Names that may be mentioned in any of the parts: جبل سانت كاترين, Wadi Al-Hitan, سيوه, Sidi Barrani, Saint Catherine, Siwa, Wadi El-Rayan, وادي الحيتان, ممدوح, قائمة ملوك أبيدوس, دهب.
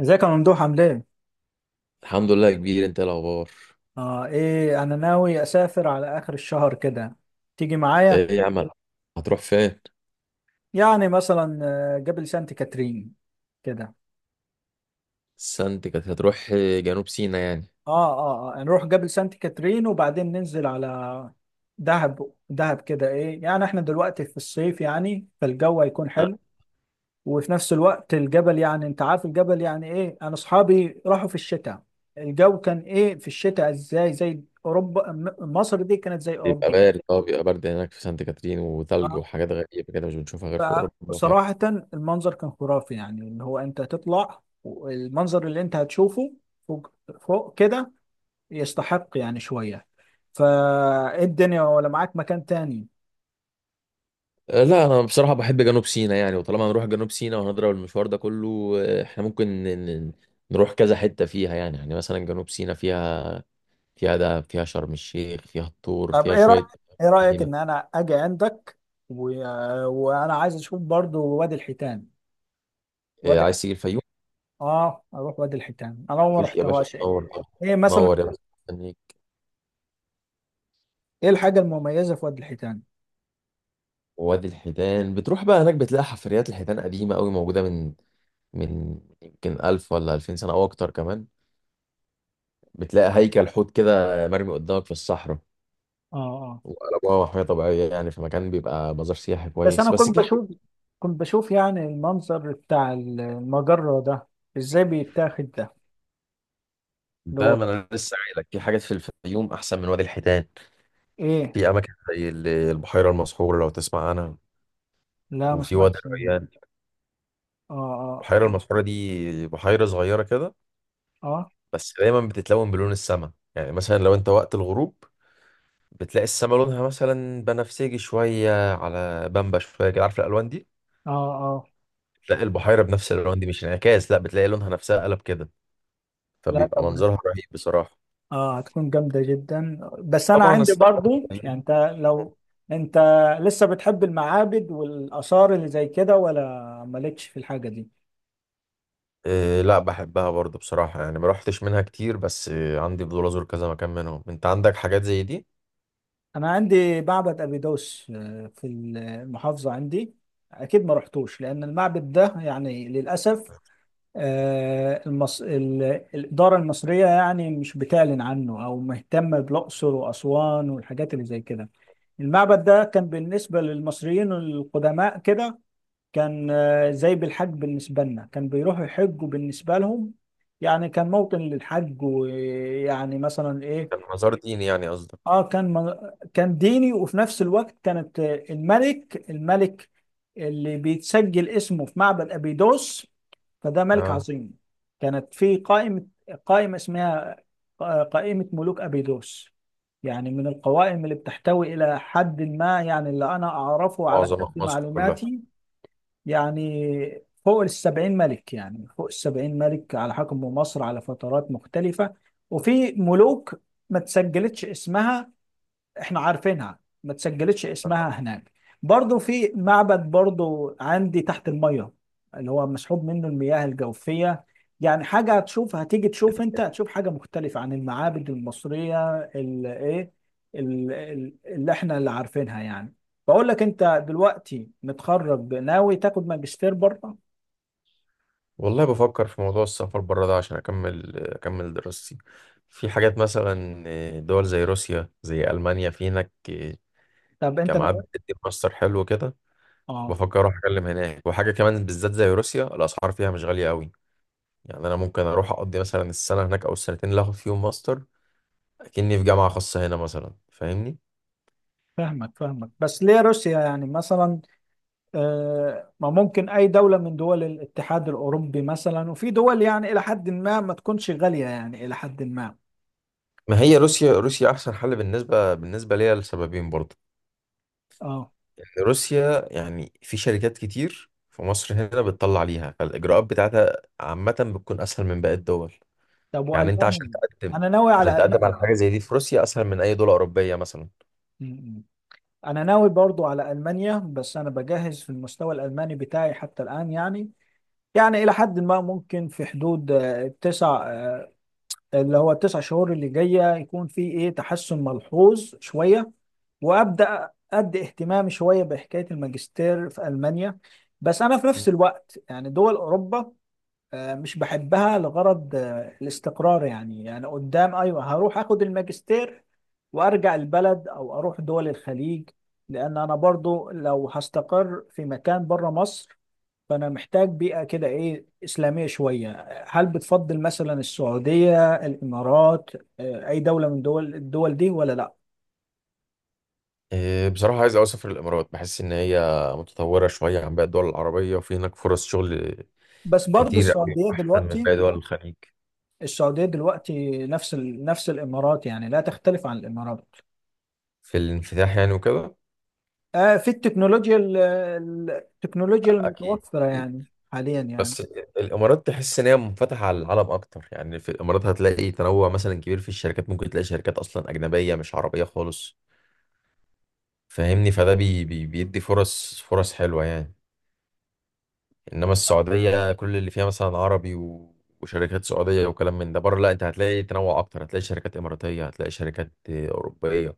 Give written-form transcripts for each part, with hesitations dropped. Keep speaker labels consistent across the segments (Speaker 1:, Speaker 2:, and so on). Speaker 1: ازيك يا ممدوح عامل ايه؟
Speaker 2: الحمد لله يا كبير، انت ايه الاخبار؟
Speaker 1: انا ناوي اسافر على اخر الشهر كده. تيجي معايا؟
Speaker 2: ايه يا عم، هتروح فين؟
Speaker 1: يعني مثلا، جبل سانت كاترين كده.
Speaker 2: سانت كاترين؟ هتروح جنوب سيناء يعني.
Speaker 1: اه نروح جبل سانت كاترين وبعدين ننزل على دهب كده. ايه يعني احنا دلوقتي في الصيف، يعني فالجو هيكون
Speaker 2: آه،
Speaker 1: حلو، وفي نفس الوقت الجبل يعني انت عارف الجبل يعني ايه. انا اصحابي راحوا في الشتاء، الجو كان ايه في الشتاء، ازاي زي اوروبا. مصر دي كانت زي
Speaker 2: بيبقى
Speaker 1: اوروبا.
Speaker 2: بارد، بيبقى برد هناك في سانت كاترين، وثلج
Speaker 1: آه،
Speaker 2: وحاجات غريبه كده مش بنشوفها غير في اوروبا. ف
Speaker 1: فصراحة المنظر كان خرافي، يعني اللي هو انت تطلع والمنظر اللي انت هتشوفه فوق، كده، يستحق يعني شوية فالدنيا، ولا معاك مكان تاني.
Speaker 2: آه، لا، انا بصراحه بحب جنوب سيناء يعني. وطالما هنروح جنوب سيناء وهنضرب المشوار ده كله، احنا ممكن نروح كذا حته فيها يعني. يعني مثلا جنوب سيناء فيها، دهب، فيها شرم الشيخ، فيها الطور،
Speaker 1: طب
Speaker 2: فيها
Speaker 1: ايه رأيك،
Speaker 2: شويه.
Speaker 1: ان
Speaker 2: جميله.
Speaker 1: انا اجي عندك و... وانا عايز اشوف برضو وادي الحيتان. وادي
Speaker 2: عايز تيجي الفيوم؟
Speaker 1: اه اروح وادي الحيتان، انا ما
Speaker 2: مفيش يا باشا،
Speaker 1: رحتهاش.
Speaker 2: تنور
Speaker 1: ايه
Speaker 2: طبعا.
Speaker 1: إيه مثلا؟
Speaker 2: تنور يا باشا، مستنيك.
Speaker 1: ايه الحاجة المميزة في وادي الحيتان؟
Speaker 2: ووادي الحيتان بتروح بقى هناك، بتلاقي حفريات الحيتان قديمة قوي موجودة من يمكن 1000 ولا 2000 سنة أو أكتر كمان. بتلاقي هيكل حوت كده مرمي قدامك في الصحراء.
Speaker 1: اه اه.
Speaker 2: وقلبوها محمية طبيعية يعني، في مكان بيبقى مزار سياحي
Speaker 1: بس انا
Speaker 2: كويس، بس
Speaker 1: كنت
Speaker 2: في حاجات.
Speaker 1: بشوف، يعني المنظر بتاع المجرة ده، ازاي بيتاخد ده؟ اللي
Speaker 2: بقى
Speaker 1: هو
Speaker 2: ما أنا لسه قايل لك، في حاجات في الفيوم أحسن من وادي الحيتان.
Speaker 1: ايه؟
Speaker 2: في أماكن زي البحيرة المسحورة، لو تسمع عنها.
Speaker 1: لا، ما
Speaker 2: وفي وادي
Speaker 1: سمعتش منه.
Speaker 2: الريان.
Speaker 1: اه اه.
Speaker 2: البحيرة المسحورة دي بحيرة صغيرة كده،
Speaker 1: اه
Speaker 2: بس دايما بتتلون بلون السماء. يعني مثلا لو أنت وقت الغروب بتلاقي السما لونها مثلا بنفسجي شوية، على بامبا شوية كده، عارف الألوان دي؟
Speaker 1: اه. اه.
Speaker 2: بتلاقي البحيرة بنفس الألوان دي، مش انعكاس، لا، بتلاقي لونها نفسها قلب كده.
Speaker 1: لا
Speaker 2: فبيبقى
Speaker 1: طب،
Speaker 2: منظرها رهيب بصراحة.
Speaker 1: اه هتكون جامدة جدا، بس انا
Speaker 2: طبعا
Speaker 1: عندي
Speaker 2: الصحراء،
Speaker 1: برضو. يعني
Speaker 2: الفيوم،
Speaker 1: انت، لو انت لسه بتحب المعابد والاثار اللي زي كده ولا مالكش في الحاجة دي؟
Speaker 2: إيه لا بحبها برضو بصراحة، يعني ما روحتش منها كتير، بس إيه عندي فضول أزور كذا مكان منهم. أنت عندك حاجات زي دي؟
Speaker 1: انا عندي معبد ابيدوس، آه، في المحافظة عندي. اكيد ما رحتوش لان المعبد ده يعني للاسف، آه، المص... ال... الإدارة المصرية يعني مش بتعلن عنه أو مهتمة بالأقصر وأسوان والحاجات اللي زي كده. المعبد ده كان بالنسبة للمصريين القدماء كده، كان آه، زي بالحج بالنسبة لنا، كان بيروحوا يحجوا بالنسبة لهم. يعني كان موطن للحج، ويعني مثلا
Speaker 2: كان
Speaker 1: إيه.
Speaker 2: مزار ديني يعني قصدك؟
Speaker 1: اه كان من- كان ديني، وفي نفس الوقت كانت، آه، الملك، اللي بيتسجل اسمه في معبد ابيدوس فده ملك
Speaker 2: اه.
Speaker 1: عظيم. كانت في قائمة، اسمها آه، قائمة ملوك أبيدوس. يعني من القوائم اللي بتحتوي إلى حد ما، يعني اللي أنا أعرفه على
Speaker 2: معظم
Speaker 1: قد
Speaker 2: مصر كلها.
Speaker 1: معلوماتي، يعني فوق السبعين ملك، على حكم مصر على فترات مختلفة. وفي ملوك ما تسجلتش اسمها، احنا عارفينها، ما تسجلتش اسمها هناك. برضو في معبد برضو عندي تحت المية، اللي هو مسحوب منه المياه الجوفية. يعني حاجة هتشوف، هتيجي تشوف، انت هتشوف حاجة مختلفة عن المعابد المصرية اللي احنا اللي عارفينها يعني. بقول لك انت دلوقتي متخرج ناوي تاخد ماجستير بره؟
Speaker 2: والله بفكر في موضوع السفر بره ده عشان أكمل دراستي. في حاجات مثلا دول زي روسيا، زي ألمانيا. في هناك
Speaker 1: طب انت
Speaker 2: جامعات
Speaker 1: ناوي؟
Speaker 2: بتدي ماستر حلو كده.
Speaker 1: اه.
Speaker 2: بفكر أروح أتكلم هناك. وحاجة كمان بالذات زي روسيا، الأسعار فيها مش غالية أوي. يعني أنا ممكن أروح أقضي مثلا السنة هناك، أو السنتين اللي آخد فيهم ماستر، أكني في جامعة خاصة هنا مثلا، فاهمني.
Speaker 1: فاهمك فاهمك، بس ليه روسيا يعني مثلا؟ آه، ما ممكن أي دولة من دول الاتحاد الأوروبي مثلا، وفي دول يعني إلى حد ما ما تكونش غالية يعني إلى حد ما.
Speaker 2: ما هي روسيا، روسيا أحسن حل بالنسبة ليا، لسببين برضه.
Speaker 1: اه.
Speaker 2: إن روسيا، يعني في شركات كتير في مصر هنا بتطلع ليها، فالإجراءات بتاعتها عامة بتكون أسهل من باقي الدول.
Speaker 1: طب
Speaker 2: يعني أنت
Speaker 1: وألمانيا؟ أنا ناوي
Speaker 2: عشان
Speaker 1: على
Speaker 2: تقدم على
Speaker 1: ألمانيا.
Speaker 2: حاجة زي دي في روسيا أسهل من أي دولة أوروبية مثلا.
Speaker 1: م- م. أنا ناوي برضو على ألمانيا، بس أنا بجهز في المستوى الألماني بتاعي حتى الآن، يعني يعني إلى حد ما ممكن في حدود آه، تسع آه، اللي هو التسع شهور اللي جايه يكون في ايه تحسن ملحوظ شويه، وابدا ادي اهتمامي شويه بحكايه الماجستير في المانيا. بس انا في
Speaker 2: مم.
Speaker 1: نفس الوقت يعني دول اوروبا آه، مش بحبها لغرض آه، الاستقرار. يعني يعني قدام ايوه هروح اخد الماجستير وارجع البلد، او اروح دول الخليج. لان انا برضو لو هستقر في مكان بره مصر فأنا محتاج بيئة كده إيه إسلامية شوية. هل بتفضل مثلا السعودية، الإمارات، آه، أي دولة من دول دي ولا لأ؟
Speaker 2: إيه، بصراحة عايز أوي أسافر الإمارات، بحس إن هي متطورة شوية عن باقي الدول العربية، وفي هناك فرص شغل
Speaker 1: بس برضو
Speaker 2: كتير أوي،
Speaker 1: السعودية
Speaker 2: أحسن من
Speaker 1: دلوقتي،
Speaker 2: باقي دول الخليج.
Speaker 1: نفس نفس الإمارات، يعني لا تختلف عن الإمارات.
Speaker 2: في الانفتاح يعني وكده.
Speaker 1: آه في التكنولوجيا، التكنولوجيا
Speaker 2: أكيد.
Speaker 1: المتوفرة يعني حاليا يعني.
Speaker 2: بس الامارات تحس ان هي منفتحه على العالم اكتر. يعني في الامارات هتلاقي تنوع مثلا كبير في الشركات. ممكن تلاقي شركات اصلا اجنبيه مش عربيه خالص، فاهمني. فده بي بي بيدي فرص، حلوه يعني. انما السعوديه كل اللي فيها مثلا عربي و... وشركات سعوديه وكلام من ده، بره لا، انت هتلاقي تنوع اكتر، هتلاقي شركات اماراتيه، هتلاقي شركات اوروبيه،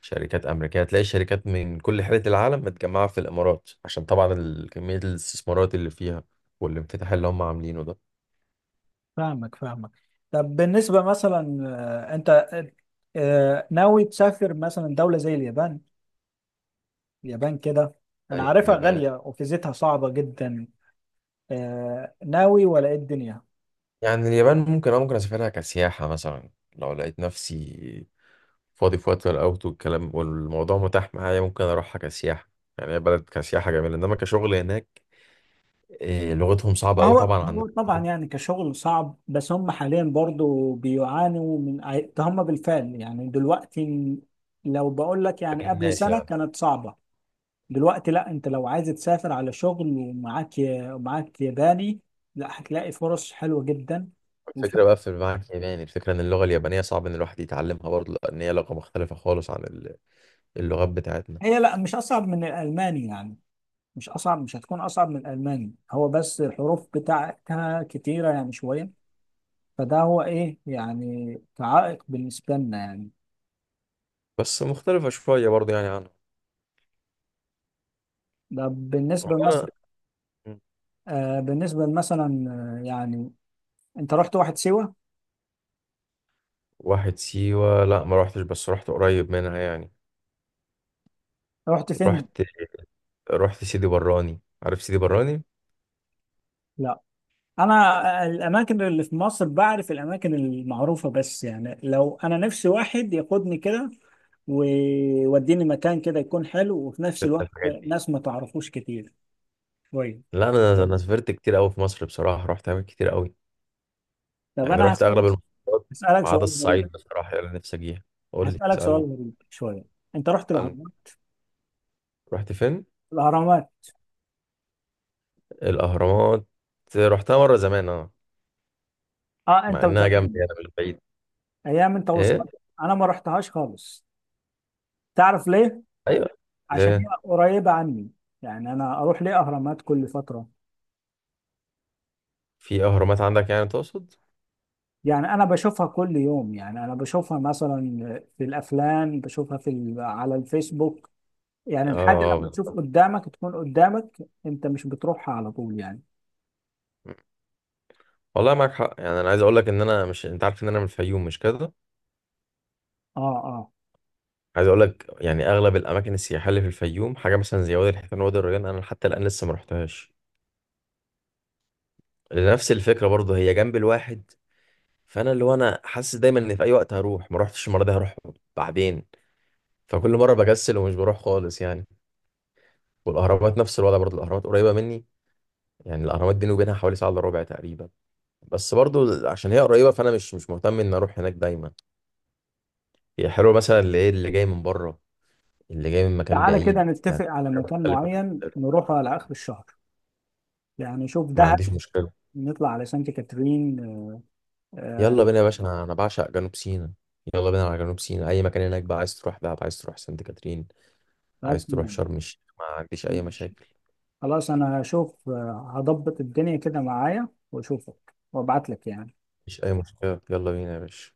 Speaker 2: شركات امريكيه، هتلاقي شركات من كل حته العالم متجمعه في الامارات، عشان طبعا كميه الاستثمارات اللي فيها والانفتاح اللي هم عاملينه ده.
Speaker 1: فاهمك فاهمك. طب بالنسبة مثلا، آه، أنت آه، آه، ناوي تسافر مثلا دولة زي اليابان؟ اليابان كده انا
Speaker 2: أيوة
Speaker 1: عارفها
Speaker 2: يا باشا.
Speaker 1: غالية وفيزتها صعبة جدا. آه، ناوي ولا ايه الدنيا؟
Speaker 2: يعني اليابان ممكن، اه ممكن اسافرها كسياحة مثلا، لو لقيت نفسي فاضي في وقت الاوت والكلام والموضوع متاح معايا ممكن اروحها كسياحة. يعني هي بلد كسياحة جميلة، انما كشغل هناك إيه، لغتهم صعبة
Speaker 1: ما
Speaker 2: قوي.
Speaker 1: هو،
Speaker 2: طبعا عندنا
Speaker 1: هو
Speaker 2: في
Speaker 1: طبعا
Speaker 2: أوروبا،
Speaker 1: يعني كشغل صعب، بس هم حاليا برضو بيعانوا من ده. هم بالفعل يعني دلوقتي، لو بقول لك يعني
Speaker 2: باقي
Speaker 1: قبل
Speaker 2: الناس
Speaker 1: سنة
Speaker 2: يعني.
Speaker 1: كانت صعبة، دلوقتي لا، انت لو عايز تسافر على شغل ومعاك ومعاك ياباني، لا هتلاقي فرص حلوة جدا. وف-
Speaker 2: الفكرة بقى في المعاك الياباني. الفكرة ان اللغة اليابانية صعب ان الواحد يتعلمها برضه، لان هي لغة مختلفة خالص عن اللغات بتاعتنا.
Speaker 1: هي لا، مش اصعب من الالماني يعني. مش اصعب، مش هتكون اصعب من الالماني. هو بس الحروف بتاعتها كتيره يعني شويه، فده هو ايه يعني كعائق بالنسبه لنا يعني.
Speaker 2: بس مختلفة شوية برضه يعني عنها.
Speaker 1: ده بالنسبه
Speaker 2: والله
Speaker 1: مثلا،
Speaker 2: انا.
Speaker 1: آه بالنسبه مثلا يعني انت رحت واحد سيوه؟
Speaker 2: واحد سيوة؟ لا ما روحتش، بس رحت قريب منها يعني.
Speaker 1: رحت فين؟
Speaker 2: رحت، سيدي براني، عارف سيدي براني؟
Speaker 1: لا انا آه، الاماكن اللي في مصر بعرف الاماكن المعروفه، بس يعني لو انا نفسي واحد ياخدني كده ويوديني مكان كده يكون حلو وفي نفس
Speaker 2: سافرت
Speaker 1: الوقت
Speaker 2: الحاجات دي.
Speaker 1: ناس ما تعرفوش كتير شويه.
Speaker 2: لا، انا سافرت كتير قوي في مصر بصراحه، رحت اماكن كتير قوي.
Speaker 1: طب
Speaker 2: يعني
Speaker 1: انا
Speaker 2: رحت
Speaker 1: هسألك،
Speaker 2: اغلب المحافظات
Speaker 1: هسألك
Speaker 2: ما عدا
Speaker 1: سؤال غريب
Speaker 2: الصعيد بصراحه، اللي أنا نفسي اجيها. قول لي،
Speaker 1: هسألك سؤال
Speaker 2: اسالني.
Speaker 1: غريب شوية. انت رحت
Speaker 2: اسالني.
Speaker 1: الاهرامات؟
Speaker 2: رحت فين؟
Speaker 1: الاهرامات؟
Speaker 2: الاهرامات؟ رحتها مره زمان اه.
Speaker 1: اه،
Speaker 2: مع
Speaker 1: انت
Speaker 2: انها
Speaker 1: وزمان،
Speaker 2: جنبي، انا مش بعيد.
Speaker 1: ايام انت
Speaker 2: ايه.
Speaker 1: وصغير. انا ما رحتهاش خالص. تعرف ليه؟
Speaker 2: ايوه.
Speaker 1: عشان
Speaker 2: لا.
Speaker 1: هي قريبة عني. يعني انا اروح ليه اهرامات كل فترة؟
Speaker 2: في اهرامات عندك يعني تقصد؟
Speaker 1: يعني انا بشوفها كل يوم، يعني انا بشوفها مثلا في الافلام، بشوفها في على الفيسبوك. يعني الحاجة لما
Speaker 2: اه.
Speaker 1: تشوف قدامك تكون قدامك، انت مش بتروحها على طول يعني.
Speaker 2: والله معاك حق، يعني انا عايز اقول لك ان انا، مش انت عارف ان انا من الفيوم مش كده؟
Speaker 1: اه. اه.
Speaker 2: عايز اقول لك، يعني اغلب الاماكن السياحيه اللي في الفيوم، حاجه مثلا زي وادي الحيتان، وادي الريان، انا حتى الان لسه ما رحتهاش لنفس الفكره برضه، هي جنب الواحد. فانا اللي هو انا حاسس دايما ان في اي وقت هروح، ما رحتش المره دي هروح بعدين. فكل مره بكسل ومش بروح خالص يعني. والاهرامات نفس الوضع برضه، الاهرامات قريبه مني. يعني الاهرامات بيني وبينها حوالي ساعه الا ربع تقريبا. بس برضه عشان هي قريبه فانا مش مهتم ان اروح هناك دايما. هي حلوه مثلا اللي ايه، اللي جاي من بره، اللي جاي من مكان
Speaker 1: تعالى كده
Speaker 2: بعيد يعني.
Speaker 1: نتفق على
Speaker 2: حاجة
Speaker 1: مكان
Speaker 2: مختلفة.
Speaker 1: معين نروحه على اخر الشهر. يعني شوف
Speaker 2: ما
Speaker 1: دهب،
Speaker 2: عنديش مشكله.
Speaker 1: نطلع على سانت كاترين. آه،
Speaker 2: يلا بينا يا باشا، انا بعشق جنوب سيناء. يلا بينا على جنوب سيناء، اي مكان هناك بقى. عايز تروح دهب، عايز تروح سانت كاترين، عايز تروح
Speaker 1: أتمنى.
Speaker 2: شرم الشيخ، ما عنديش اي
Speaker 1: ماشي،
Speaker 2: مشاكل.
Speaker 1: خلاص، أنا هشوف آه، هضبط الدنيا كده معايا وأشوفك وأبعت لك يعني.
Speaker 2: مفيش اي مشكله، يلا بينا يا باشا.